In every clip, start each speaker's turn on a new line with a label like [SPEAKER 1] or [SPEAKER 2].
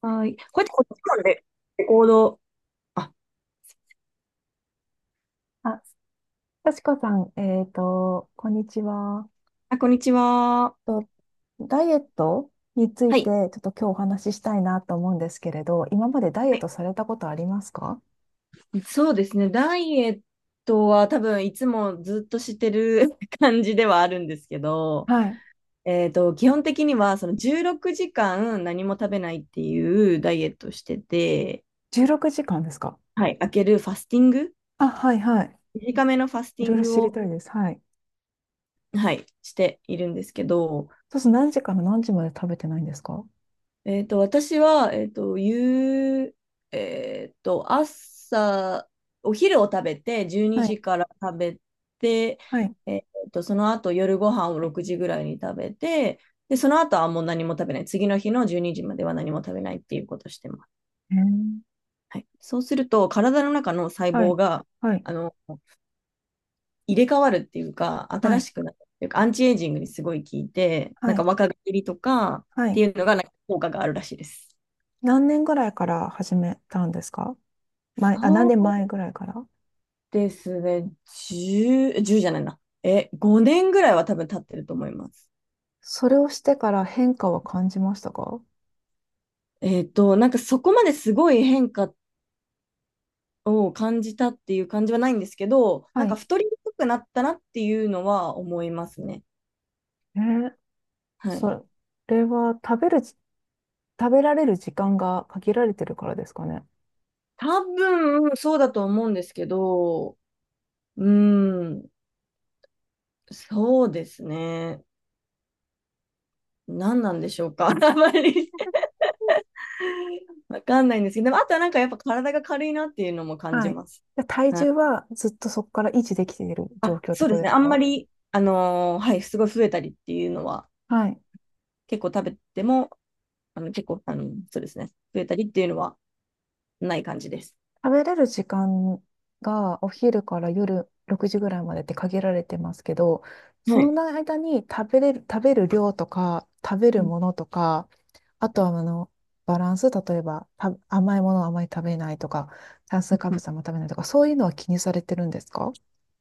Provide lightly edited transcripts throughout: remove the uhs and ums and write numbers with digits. [SPEAKER 1] はい。こうやってこっちまでレコード。あ、
[SPEAKER 2] あ、幸子さん、こんにちは。
[SPEAKER 1] あこんにちは。
[SPEAKER 2] と、ダイエットについ
[SPEAKER 1] は
[SPEAKER 2] て、ち
[SPEAKER 1] い。
[SPEAKER 2] ょっと今日お話ししたいなと思うんですけれど、今までダイエットされたことありますか？
[SPEAKER 1] そうですね。ダイエットは多分いつもずっとしてる 感じではあるんですけど、
[SPEAKER 2] はい。
[SPEAKER 1] 基本的にはその16時間何も食べないっていうダイエットをしてて、
[SPEAKER 2] 16時間ですか？
[SPEAKER 1] はい。開けるファスティング、
[SPEAKER 2] あ、はいはい。
[SPEAKER 1] 短めのファス
[SPEAKER 2] い
[SPEAKER 1] ティ
[SPEAKER 2] ろ
[SPEAKER 1] ン
[SPEAKER 2] いろ
[SPEAKER 1] グ
[SPEAKER 2] 知り
[SPEAKER 1] を、
[SPEAKER 2] たいです。はい。
[SPEAKER 1] はい、しているんですけど、
[SPEAKER 2] そうすると何時から何時まで食べてないんですか？
[SPEAKER 1] 私は、えっと、夕、えっと、朝、お昼を食べて、12
[SPEAKER 2] はい。
[SPEAKER 1] 時から食べて、
[SPEAKER 2] はい。
[SPEAKER 1] えっその後、夜ご飯を6時ぐらいに食べて、で、その後はもう何も食べない。次の日の12時までは何も食べないっていうことをしてます。
[SPEAKER 2] えー。
[SPEAKER 1] はい。そうすると、体の中の細
[SPEAKER 2] は
[SPEAKER 1] 胞
[SPEAKER 2] い。
[SPEAKER 1] が、
[SPEAKER 2] はい。
[SPEAKER 1] あの、入れ替わるっていうか、
[SPEAKER 2] は
[SPEAKER 1] 新
[SPEAKER 2] い。
[SPEAKER 1] しくなるっていうか、アンチエイジングにすごい効いて、な
[SPEAKER 2] は
[SPEAKER 1] んか
[SPEAKER 2] い。
[SPEAKER 1] 若返りとか
[SPEAKER 2] は
[SPEAKER 1] っ
[SPEAKER 2] い。
[SPEAKER 1] ていうのが、なんか効果があるらしいです。
[SPEAKER 2] 何年ぐらいから始めたんですか？何
[SPEAKER 1] そ
[SPEAKER 2] 年
[SPEAKER 1] う
[SPEAKER 2] 前ぐらいから。
[SPEAKER 1] ですね、10、じゅうじゃないな。5年ぐらいは多分経ってると思います。
[SPEAKER 2] それをしてから変化は感じましたか？
[SPEAKER 1] なんかそこまですごい変化を感じたっていう感じはないんですけど、
[SPEAKER 2] は
[SPEAKER 1] なんか
[SPEAKER 2] い。
[SPEAKER 1] 太りにくくなったなっていうのは思いますね。
[SPEAKER 2] えー。
[SPEAKER 1] はい。
[SPEAKER 2] それは食べられる時間が限られてるからですかね。
[SPEAKER 1] 多分そうだと思うんですけど、うーん、そうですね。何なんでしょうか。あまり わかんないんですけど、でもあとはなんかやっぱ体が軽いなっていうのも感
[SPEAKER 2] は
[SPEAKER 1] じ
[SPEAKER 2] い。
[SPEAKER 1] ます。
[SPEAKER 2] で体
[SPEAKER 1] は
[SPEAKER 2] 重
[SPEAKER 1] い
[SPEAKER 2] はずっとそこから維持できている状
[SPEAKER 1] あ、
[SPEAKER 2] 況って
[SPEAKER 1] そう
[SPEAKER 2] こ
[SPEAKER 1] で
[SPEAKER 2] と
[SPEAKER 1] す
[SPEAKER 2] で
[SPEAKER 1] ね。
[SPEAKER 2] す
[SPEAKER 1] あんま
[SPEAKER 2] か？
[SPEAKER 1] り、はい、すごい増えたりっていうのは、
[SPEAKER 2] はい。
[SPEAKER 1] 結構食べても、結構、そうですね。増えたりっていうのはない感じです。
[SPEAKER 2] 食べれる時間がお昼から夜6時ぐらいまでって限られてますけど、そ
[SPEAKER 1] は
[SPEAKER 2] の
[SPEAKER 1] い。
[SPEAKER 2] 間に食べれる、食べる量とか、食べ
[SPEAKER 1] う
[SPEAKER 2] る
[SPEAKER 1] ん
[SPEAKER 2] ものとか、あとはあの、バランス、例えば、甘いものをあまり食べないとか、炭水化
[SPEAKER 1] う
[SPEAKER 2] 物
[SPEAKER 1] ん
[SPEAKER 2] はあんま食べないとか、そういうのは気にされてるんですか？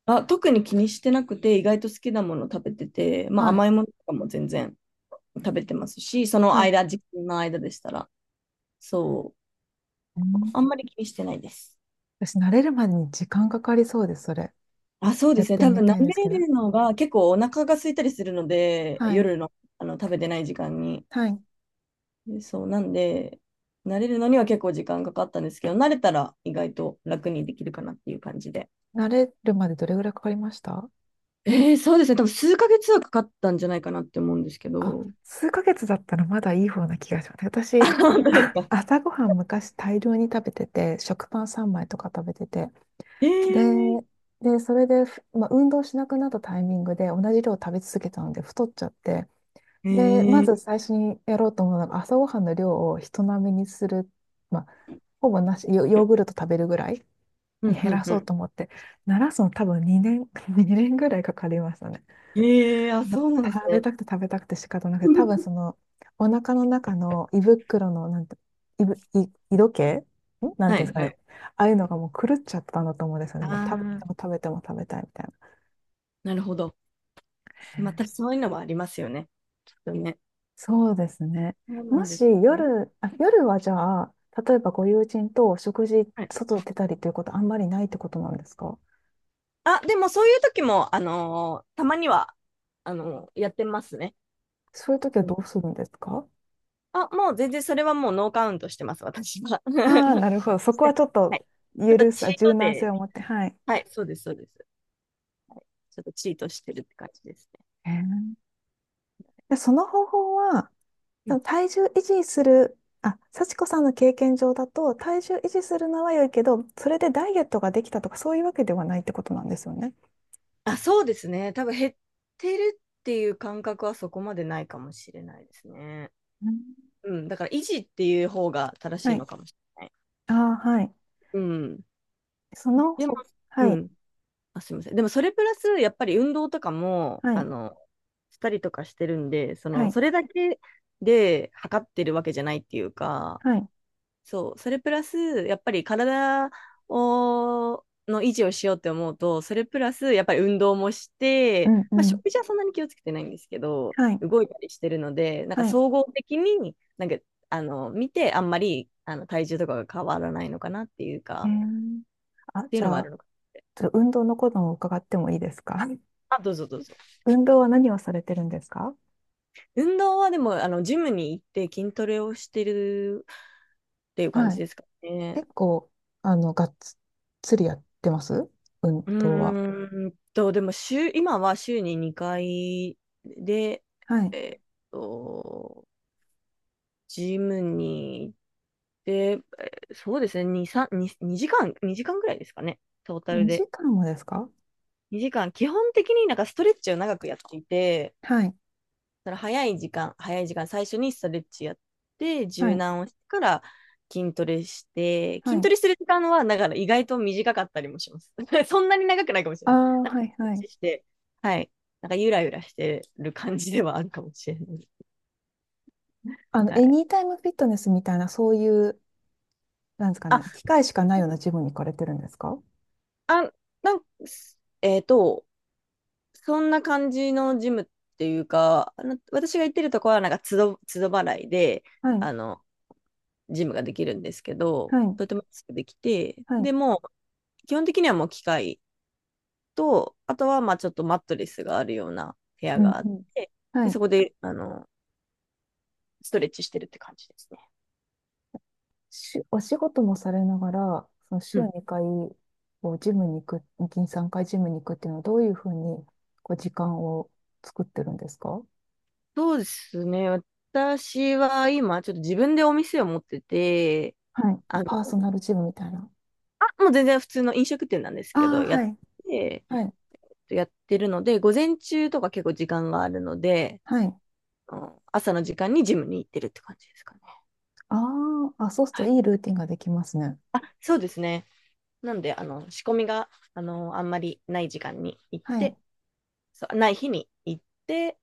[SPEAKER 1] あ、特に気にしてなくて、意外と好きなもの食べてて、まあ
[SPEAKER 2] はい
[SPEAKER 1] 甘いものとかも全然食べてますし、その
[SPEAKER 2] はい。
[SPEAKER 1] 間、時間の間でしたら、そ
[SPEAKER 2] う
[SPEAKER 1] う、
[SPEAKER 2] ん。
[SPEAKER 1] あんまり気にしてないです。
[SPEAKER 2] 私、慣れるまでに時間かかりそうです、それ。
[SPEAKER 1] あ、そうで
[SPEAKER 2] やっ
[SPEAKER 1] すね。
[SPEAKER 2] て
[SPEAKER 1] 多
[SPEAKER 2] み
[SPEAKER 1] 分、舐
[SPEAKER 2] たいですけ
[SPEAKER 1] め
[SPEAKER 2] ど。
[SPEAKER 1] るのが結構お腹が空いたりするので、
[SPEAKER 2] はい。
[SPEAKER 1] 夜の、あの食べてない時間に。
[SPEAKER 2] はい。
[SPEAKER 1] でそう、なんで、慣れるのには結構時間かかったんですけど、慣れたら意外と楽にできるかなっていう感じで。
[SPEAKER 2] 慣れるまでどれぐらいかかりました？
[SPEAKER 1] そうですね。多分数ヶ月はかかったんじゃないかなって思うんですけ
[SPEAKER 2] あ、
[SPEAKER 1] ど。
[SPEAKER 2] 数ヶ月だったらまだいい方な気がします。
[SPEAKER 1] あ、
[SPEAKER 2] 私、
[SPEAKER 1] 本 当ですか。
[SPEAKER 2] 朝ごはん昔大量に食べてて、食パン3枚とか食べてて、
[SPEAKER 1] え
[SPEAKER 2] で、
[SPEAKER 1] ー、
[SPEAKER 2] で、それで、まあ、運動しなくなったタイミングで同じ量を食べ続けたので太っちゃって、で、ま
[SPEAKER 1] え
[SPEAKER 2] ず
[SPEAKER 1] ー、
[SPEAKER 2] 最初にやろうと思うのが朝ごはんの量を人並みにする、まあ、ほぼなし、ヨヨーグルト食べるぐらい
[SPEAKER 1] うんう
[SPEAKER 2] 減
[SPEAKER 1] ん
[SPEAKER 2] ら
[SPEAKER 1] う
[SPEAKER 2] そう
[SPEAKER 1] ん。
[SPEAKER 2] と思って、なすの多分2年、2年ぐらいかかりましたね。
[SPEAKER 1] えー、あ、
[SPEAKER 2] ま
[SPEAKER 1] そうなんです
[SPEAKER 2] 食べ
[SPEAKER 1] ね。
[SPEAKER 2] たくて食べたくて仕方なくて、多分そ の、お腹の中の胃袋の、なんて、胃ぶ、胃、胃時計、んなん
[SPEAKER 1] は
[SPEAKER 2] ていうんです
[SPEAKER 1] い
[SPEAKER 2] か
[SPEAKER 1] は
[SPEAKER 2] ね。
[SPEAKER 1] い。
[SPEAKER 2] ああいうのがもう狂っちゃったんだと思うんですよね。
[SPEAKER 1] あ
[SPEAKER 2] もう食べても
[SPEAKER 1] あ、
[SPEAKER 2] 食べても食べたいみたいな。
[SPEAKER 1] なるほど。またそういうのもありますよね。ちょっとね。
[SPEAKER 2] そうですね。
[SPEAKER 1] そうな
[SPEAKER 2] も
[SPEAKER 1] んで
[SPEAKER 2] し
[SPEAKER 1] すね。
[SPEAKER 2] 夜、あ、夜はじゃあ、例えばご友人と食事、
[SPEAKER 1] はい。
[SPEAKER 2] 外出たりということあんまりないってことなんですか？
[SPEAKER 1] あ、でもそういう時も、たまには、やってますね。
[SPEAKER 2] そういう時はどうするんですか？
[SPEAKER 1] あ、もう全然それはもうノーカウントしてます、私は。
[SPEAKER 2] ああ、なるほど。そ
[SPEAKER 1] し
[SPEAKER 2] こは
[SPEAKER 1] て
[SPEAKER 2] ちょっ
[SPEAKER 1] はい。
[SPEAKER 2] と
[SPEAKER 1] ちょっと
[SPEAKER 2] 許す、
[SPEAKER 1] チー
[SPEAKER 2] 柔
[SPEAKER 1] ト
[SPEAKER 2] 軟性
[SPEAKER 1] で、
[SPEAKER 2] を持って。はい。
[SPEAKER 1] はい、そうです、そうです。ちょっとチートしてるって感じですね。
[SPEAKER 2] へえ。で、その方法は、
[SPEAKER 1] う
[SPEAKER 2] そ
[SPEAKER 1] ん
[SPEAKER 2] の体重維持する、あ、幸子さんの経験上だと、体重維持するのは良いけど、それでダイエットができたとか、そういうわけではないってことなんですよね。
[SPEAKER 1] あ、そうですね。多分減ってるっていう感覚はそこまでないかもしれないですね。
[SPEAKER 2] うん。
[SPEAKER 1] うん、だから維持っていう方が正し
[SPEAKER 2] は
[SPEAKER 1] い
[SPEAKER 2] い。
[SPEAKER 1] のかもしれない。
[SPEAKER 2] ああ、はい。
[SPEAKER 1] うん。
[SPEAKER 2] その
[SPEAKER 1] でも、
[SPEAKER 2] ほ、
[SPEAKER 1] う
[SPEAKER 2] はい、
[SPEAKER 1] ん。あ、すみません。でもそれプラス、やっぱり運動とかも、
[SPEAKER 2] はい、
[SPEAKER 1] したりとかしてるんで、
[SPEAKER 2] はい、
[SPEAKER 1] それだけで測ってるわけじゃないっていうか、
[SPEAKER 2] はい、
[SPEAKER 1] そう、それプラス、やっぱりの維持をしようって思うと、それプラス、やっぱり運動もし
[SPEAKER 2] う
[SPEAKER 1] て、
[SPEAKER 2] ん、
[SPEAKER 1] まあ、
[SPEAKER 2] うん、
[SPEAKER 1] 食事はそんなに気をつけてないんですけど、
[SPEAKER 2] はい、
[SPEAKER 1] 動いたりしてるので、なんか
[SPEAKER 2] はい。
[SPEAKER 1] 総合的に、なんか、見て、あんまり、体重とかが変わらないのかなっていう
[SPEAKER 2] え
[SPEAKER 1] か、
[SPEAKER 2] ー。
[SPEAKER 1] っていう
[SPEAKER 2] じ
[SPEAKER 1] のも
[SPEAKER 2] ゃ
[SPEAKER 1] ある
[SPEAKER 2] あ、
[SPEAKER 1] のか。
[SPEAKER 2] ちょっと運動のことを伺ってもいいですか？
[SPEAKER 1] あ、どうぞどうぞ。
[SPEAKER 2] 運動は何をされてるんですか？
[SPEAKER 1] 運動はでも、ジムに行って筋トレをしてるっていう感
[SPEAKER 2] は
[SPEAKER 1] じ
[SPEAKER 2] い。
[SPEAKER 1] ですかね。
[SPEAKER 2] 結構、あの、がっつりやってます運動は。
[SPEAKER 1] でも今は週に2回で、
[SPEAKER 2] はい。
[SPEAKER 1] えっと、ジムに行って、そうですね、2、3、2、2時間、2時間ぐらいですかね、トータル
[SPEAKER 2] 2
[SPEAKER 1] で。
[SPEAKER 2] 時間もですか？
[SPEAKER 1] 2時間、基本的になんかストレッチを長くやっていて、
[SPEAKER 2] はい。
[SPEAKER 1] だから早い時間、最初にストレッチやって、
[SPEAKER 2] は
[SPEAKER 1] 柔
[SPEAKER 2] い。
[SPEAKER 1] 軟をしてから筋トレして、
[SPEAKER 2] は
[SPEAKER 1] 筋
[SPEAKER 2] い。
[SPEAKER 1] トレする時間は、だから意外と短かったりもします。そんなに長くないかもし
[SPEAKER 2] あ
[SPEAKER 1] れない
[SPEAKER 2] あ、
[SPEAKER 1] なんか、
[SPEAKER 2] はい。
[SPEAKER 1] ストレ
[SPEAKER 2] は
[SPEAKER 1] ッ
[SPEAKER 2] い。
[SPEAKER 1] チして、はい。なんか、ゆらゆらしてる感じではあるかもしれない。
[SPEAKER 2] あの、
[SPEAKER 1] は
[SPEAKER 2] エ
[SPEAKER 1] い。
[SPEAKER 2] ニータイムフィットネスみたいな、そういう、なんですかね、
[SPEAKER 1] あ、
[SPEAKER 2] 機会しかないようなジムに行かれてるんですか？
[SPEAKER 1] あ、なんえっ、と、そんな感じのジムっていうか、私が行ってるとこは、なんか、つど、つど払いで、
[SPEAKER 2] はい。
[SPEAKER 1] あの、ジムができるんですけど、
[SPEAKER 2] はい。
[SPEAKER 1] とても安くできて、
[SPEAKER 2] はい。
[SPEAKER 1] でも、基本的にはもう機械と、あとはまあちょっとマットレスがあるような部屋
[SPEAKER 2] うん
[SPEAKER 1] があ
[SPEAKER 2] う
[SPEAKER 1] っ
[SPEAKER 2] ん。
[SPEAKER 1] て、
[SPEAKER 2] は
[SPEAKER 1] で
[SPEAKER 2] い。
[SPEAKER 1] そこでストレッチしてるって感じですね。
[SPEAKER 2] お仕事もされながら、その週
[SPEAKER 1] うん、
[SPEAKER 2] 2回、こう、ジムに行く、2、3回ジムに行くっていうのは、どういうふうに、こう、時間を作ってるんですか？
[SPEAKER 1] そうですね。私は今、ちょっと自分でお店を持ってて、
[SPEAKER 2] はい。あ、
[SPEAKER 1] あの、
[SPEAKER 2] パーソナルジムみたいな。
[SPEAKER 1] あ、もう全然普通の飲食店なんです
[SPEAKER 2] あ
[SPEAKER 1] け
[SPEAKER 2] あ、
[SPEAKER 1] ど、
[SPEAKER 2] はい。
[SPEAKER 1] て、
[SPEAKER 2] はい。
[SPEAKER 1] やってるので、午前中とか結構時間があるので、
[SPEAKER 2] はい。
[SPEAKER 1] うん、朝の時間にジムに行ってるって感じですかね。
[SPEAKER 2] ああ、あ、そうすると
[SPEAKER 1] はい。
[SPEAKER 2] いいルーティンができますね。
[SPEAKER 1] あ、そうですね。なんで、仕込みが、あんまりない時間に行っ
[SPEAKER 2] はい。
[SPEAKER 1] て、そうない日に行って、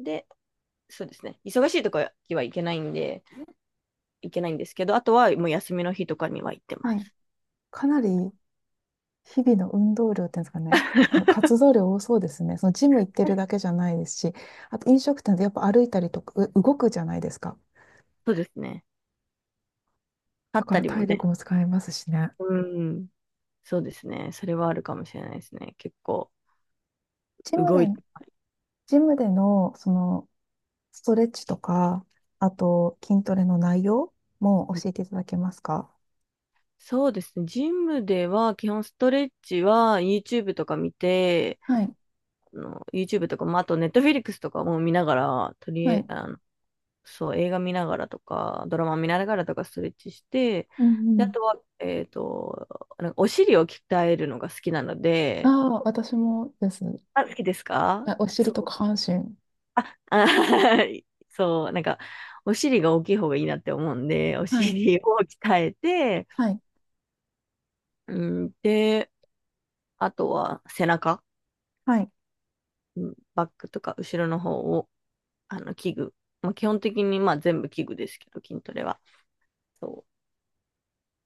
[SPEAKER 1] で、そうですね。忙しいとかは行けないんで、行けないんですけど、あとはもう休みの日とかには行ってま
[SPEAKER 2] はい。
[SPEAKER 1] す。
[SPEAKER 2] かなり日々の運動量っていうんですかね。あの活動量多そうですね。そのジム行ってるだけじゃないですし、あと飲食店でやっぱ歩いたりとか、動くじゃないですか。
[SPEAKER 1] そうですね。
[SPEAKER 2] だ
[SPEAKER 1] 立っ
[SPEAKER 2] か
[SPEAKER 1] た
[SPEAKER 2] ら
[SPEAKER 1] りも
[SPEAKER 2] 体力
[SPEAKER 1] ね。
[SPEAKER 2] も使えますしね。
[SPEAKER 1] うん。そうですね。それはあるかもしれないですね。結構
[SPEAKER 2] ジム
[SPEAKER 1] 動い
[SPEAKER 2] で、
[SPEAKER 1] て。
[SPEAKER 2] ジムでのそのストレッチとか、あと筋トレの内容も
[SPEAKER 1] うん
[SPEAKER 2] 教えていただけますか？
[SPEAKER 1] そうですね。ジムでは基本ストレッチは YouTube とか見て、
[SPEAKER 2] はい。
[SPEAKER 1] YouTube とかも、あと Netflix とかも見ながら、とり
[SPEAKER 2] は
[SPEAKER 1] あえ
[SPEAKER 2] い。
[SPEAKER 1] あそう、映画見ながらとか、ドラマ見ながらとかストレッチして、
[SPEAKER 2] う
[SPEAKER 1] で、あ
[SPEAKER 2] ん。
[SPEAKER 1] とは、なんかお尻を鍛えるのが好きなの
[SPEAKER 2] あ
[SPEAKER 1] で、
[SPEAKER 2] あ、私もです。
[SPEAKER 1] あ、好きですか
[SPEAKER 2] あお尻
[SPEAKER 1] そ
[SPEAKER 2] と下
[SPEAKER 1] う。
[SPEAKER 2] 半身。
[SPEAKER 1] あ、そう、なんか、お尻が大きい方がいいなって思うんで、お
[SPEAKER 2] はい。
[SPEAKER 1] 尻を鍛えて、
[SPEAKER 2] はい。
[SPEAKER 1] うん、で、あとは背中、
[SPEAKER 2] はい。
[SPEAKER 1] うん、バックとか後ろの方を、器具。まあ、基本的に、まあ、全部器具ですけど、筋トレは。そう。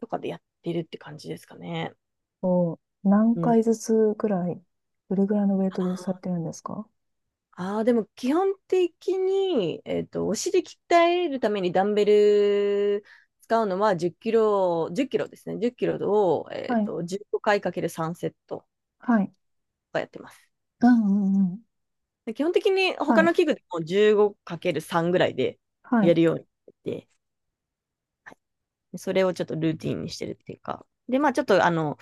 [SPEAKER 1] とかでやってるって感じですかね。
[SPEAKER 2] を何
[SPEAKER 1] うん。
[SPEAKER 2] 回ずつぐらい、どれぐらいのウェイトでされてるんですか？
[SPEAKER 1] ああ、でも基本的に、お尻鍛えるためにダンベル使うのは10キロ、10キロですね。10キロを、
[SPEAKER 2] はい。
[SPEAKER 1] 15回かける3セットが
[SPEAKER 2] はい。
[SPEAKER 1] やってます。
[SPEAKER 2] うんうんうん。
[SPEAKER 1] で基本的に
[SPEAKER 2] は
[SPEAKER 1] 他の
[SPEAKER 2] い。
[SPEAKER 1] 器具でも15かける3ぐらいで
[SPEAKER 2] はい。
[SPEAKER 1] やるようにしてて、それをちょっとルーティンにしてるっていうか。で、まあちょっとあの、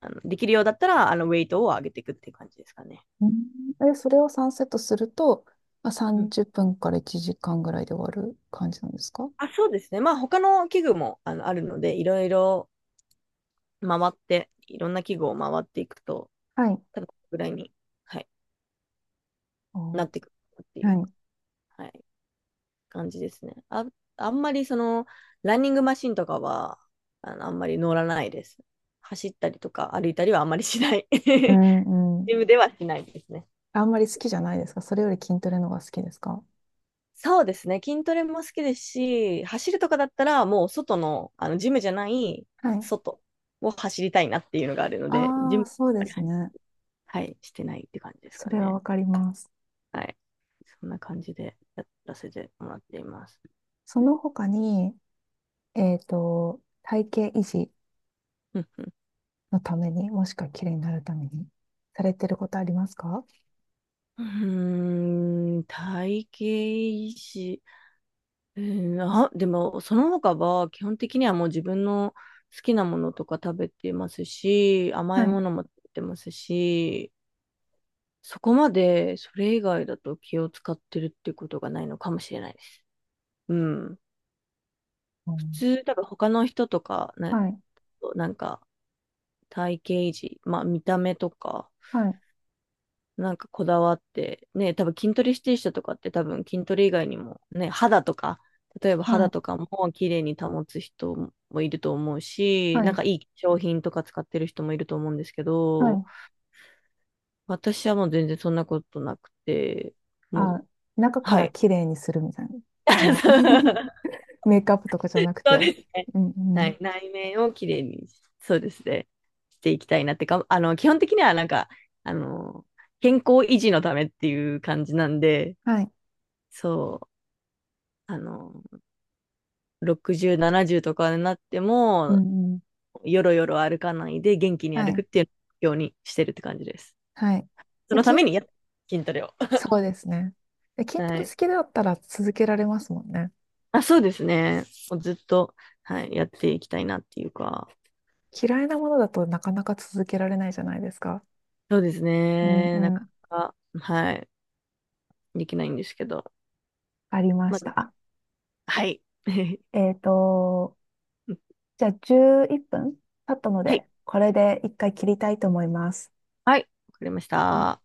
[SPEAKER 1] あのできるようだったら、ウェイトを上げていくっていう感じですかね。
[SPEAKER 2] うん。それを3セットすると、まあ、
[SPEAKER 1] うん
[SPEAKER 2] 30分から1時間ぐらいで終わる感じなんですか？
[SPEAKER 1] あ、そうですね。まあ、他の器具もあるので、いろいろ回って、いろんな器具を回っていくと、
[SPEAKER 2] はい。
[SPEAKER 1] 多分ぐらいに、はい、
[SPEAKER 2] あ
[SPEAKER 1] な
[SPEAKER 2] ー、
[SPEAKER 1] っていくっていう、
[SPEAKER 2] はい。
[SPEAKER 1] はい、感じですね。あ、あんまりランニングマシンとかは、あんまり乗らないです。走ったりとか歩いたりはあんまりしない。
[SPEAKER 2] う んうん。
[SPEAKER 1] ジムではしないですね。
[SPEAKER 2] あんまり好きじゃないですか？それより筋トレの方が好きですか？
[SPEAKER 1] そうですね。筋トレも好きですし、走るとかだったら、もう外の、ジムじゃない、
[SPEAKER 2] はい。
[SPEAKER 1] 外を走りたいなっていうのがあるので、ジ
[SPEAKER 2] あ
[SPEAKER 1] ム
[SPEAKER 2] あ、そう
[SPEAKER 1] はあん
[SPEAKER 2] で
[SPEAKER 1] まり、
[SPEAKER 2] すね。
[SPEAKER 1] はい、してないって感じですか
[SPEAKER 2] それは
[SPEAKER 1] ね。
[SPEAKER 2] わかります。
[SPEAKER 1] はい。そんな感じでやらせてもらっています。
[SPEAKER 2] その他に、えっと、体型維持
[SPEAKER 1] うんうん、
[SPEAKER 2] のために、もしくは綺麗になるために、されてることありますか？
[SPEAKER 1] うーん、体型維持、うーん、あ、でも、その他は基本的にはもう自分の好きなものとか食べてますし、甘
[SPEAKER 2] は
[SPEAKER 1] い
[SPEAKER 2] い、
[SPEAKER 1] ものも食べてますし、そこまでそれ以外だと気を使ってるってことがないのかもしれないです。うん。
[SPEAKER 2] う
[SPEAKER 1] 普
[SPEAKER 2] ん。
[SPEAKER 1] 通、多分他の人とか、ね、
[SPEAKER 2] はい、
[SPEAKER 1] なんか体型維持、まあ見た目とか、
[SPEAKER 2] はい、
[SPEAKER 1] なんかこだわって、ね、多分筋トレしてる人とかって多分筋トレ以外にも、ね、肌とか、例えば
[SPEAKER 2] は
[SPEAKER 1] 肌
[SPEAKER 2] い、
[SPEAKER 1] とかも綺麗に保つ人もいると思うし、
[SPEAKER 2] は
[SPEAKER 1] なん
[SPEAKER 2] い、
[SPEAKER 1] かいい商品とか使ってる人もいると思うんですけ
[SPEAKER 2] は
[SPEAKER 1] ど、
[SPEAKER 2] い。
[SPEAKER 1] 私はもう全然そんなことなくて、も
[SPEAKER 2] あ、
[SPEAKER 1] う、
[SPEAKER 2] 中か
[SPEAKER 1] は
[SPEAKER 2] ら
[SPEAKER 1] い。
[SPEAKER 2] 綺麗にするみたいな。その メイクアップとかじゃなく
[SPEAKER 1] そう
[SPEAKER 2] て。
[SPEAKER 1] です。
[SPEAKER 2] うんう
[SPEAKER 1] は
[SPEAKER 2] ん。
[SPEAKER 1] い。内面を綺麗に、そうですね、していきたいなってか、基本的にはなんか、あの、健康維持のためっていう感じなんで、
[SPEAKER 2] はい、
[SPEAKER 1] そう、あの、60、70とかになって
[SPEAKER 2] う
[SPEAKER 1] も、
[SPEAKER 2] んうん。
[SPEAKER 1] よろよろ歩かないで元気に
[SPEAKER 2] は
[SPEAKER 1] 歩くっ
[SPEAKER 2] い。
[SPEAKER 1] ていうようにしてるって感じです。
[SPEAKER 2] はい。
[SPEAKER 1] そ
[SPEAKER 2] で、
[SPEAKER 1] のた
[SPEAKER 2] 筋、
[SPEAKER 1] めに筋トレを。
[SPEAKER 2] そうですね。で、筋ト
[SPEAKER 1] は
[SPEAKER 2] レ好
[SPEAKER 1] い。
[SPEAKER 2] きだったら続けられますもんね。
[SPEAKER 1] あ、そうですね。もうずっと、はい、やっていきたいなっていうか、
[SPEAKER 2] 嫌いなものだとなかなか続けられないじゃないですか。
[SPEAKER 1] そうです
[SPEAKER 2] うん
[SPEAKER 1] ね。な
[SPEAKER 2] う
[SPEAKER 1] か
[SPEAKER 2] ん、
[SPEAKER 1] なか、はい、できないんですけど。
[SPEAKER 2] ありま
[SPEAKER 1] ま
[SPEAKER 2] し
[SPEAKER 1] あ、
[SPEAKER 2] た。
[SPEAKER 1] はい。
[SPEAKER 2] えっと、じゃあ11分経ったの
[SPEAKER 1] はい。
[SPEAKER 2] で、これで一回切りたいと思います。
[SPEAKER 1] はい、わかりました。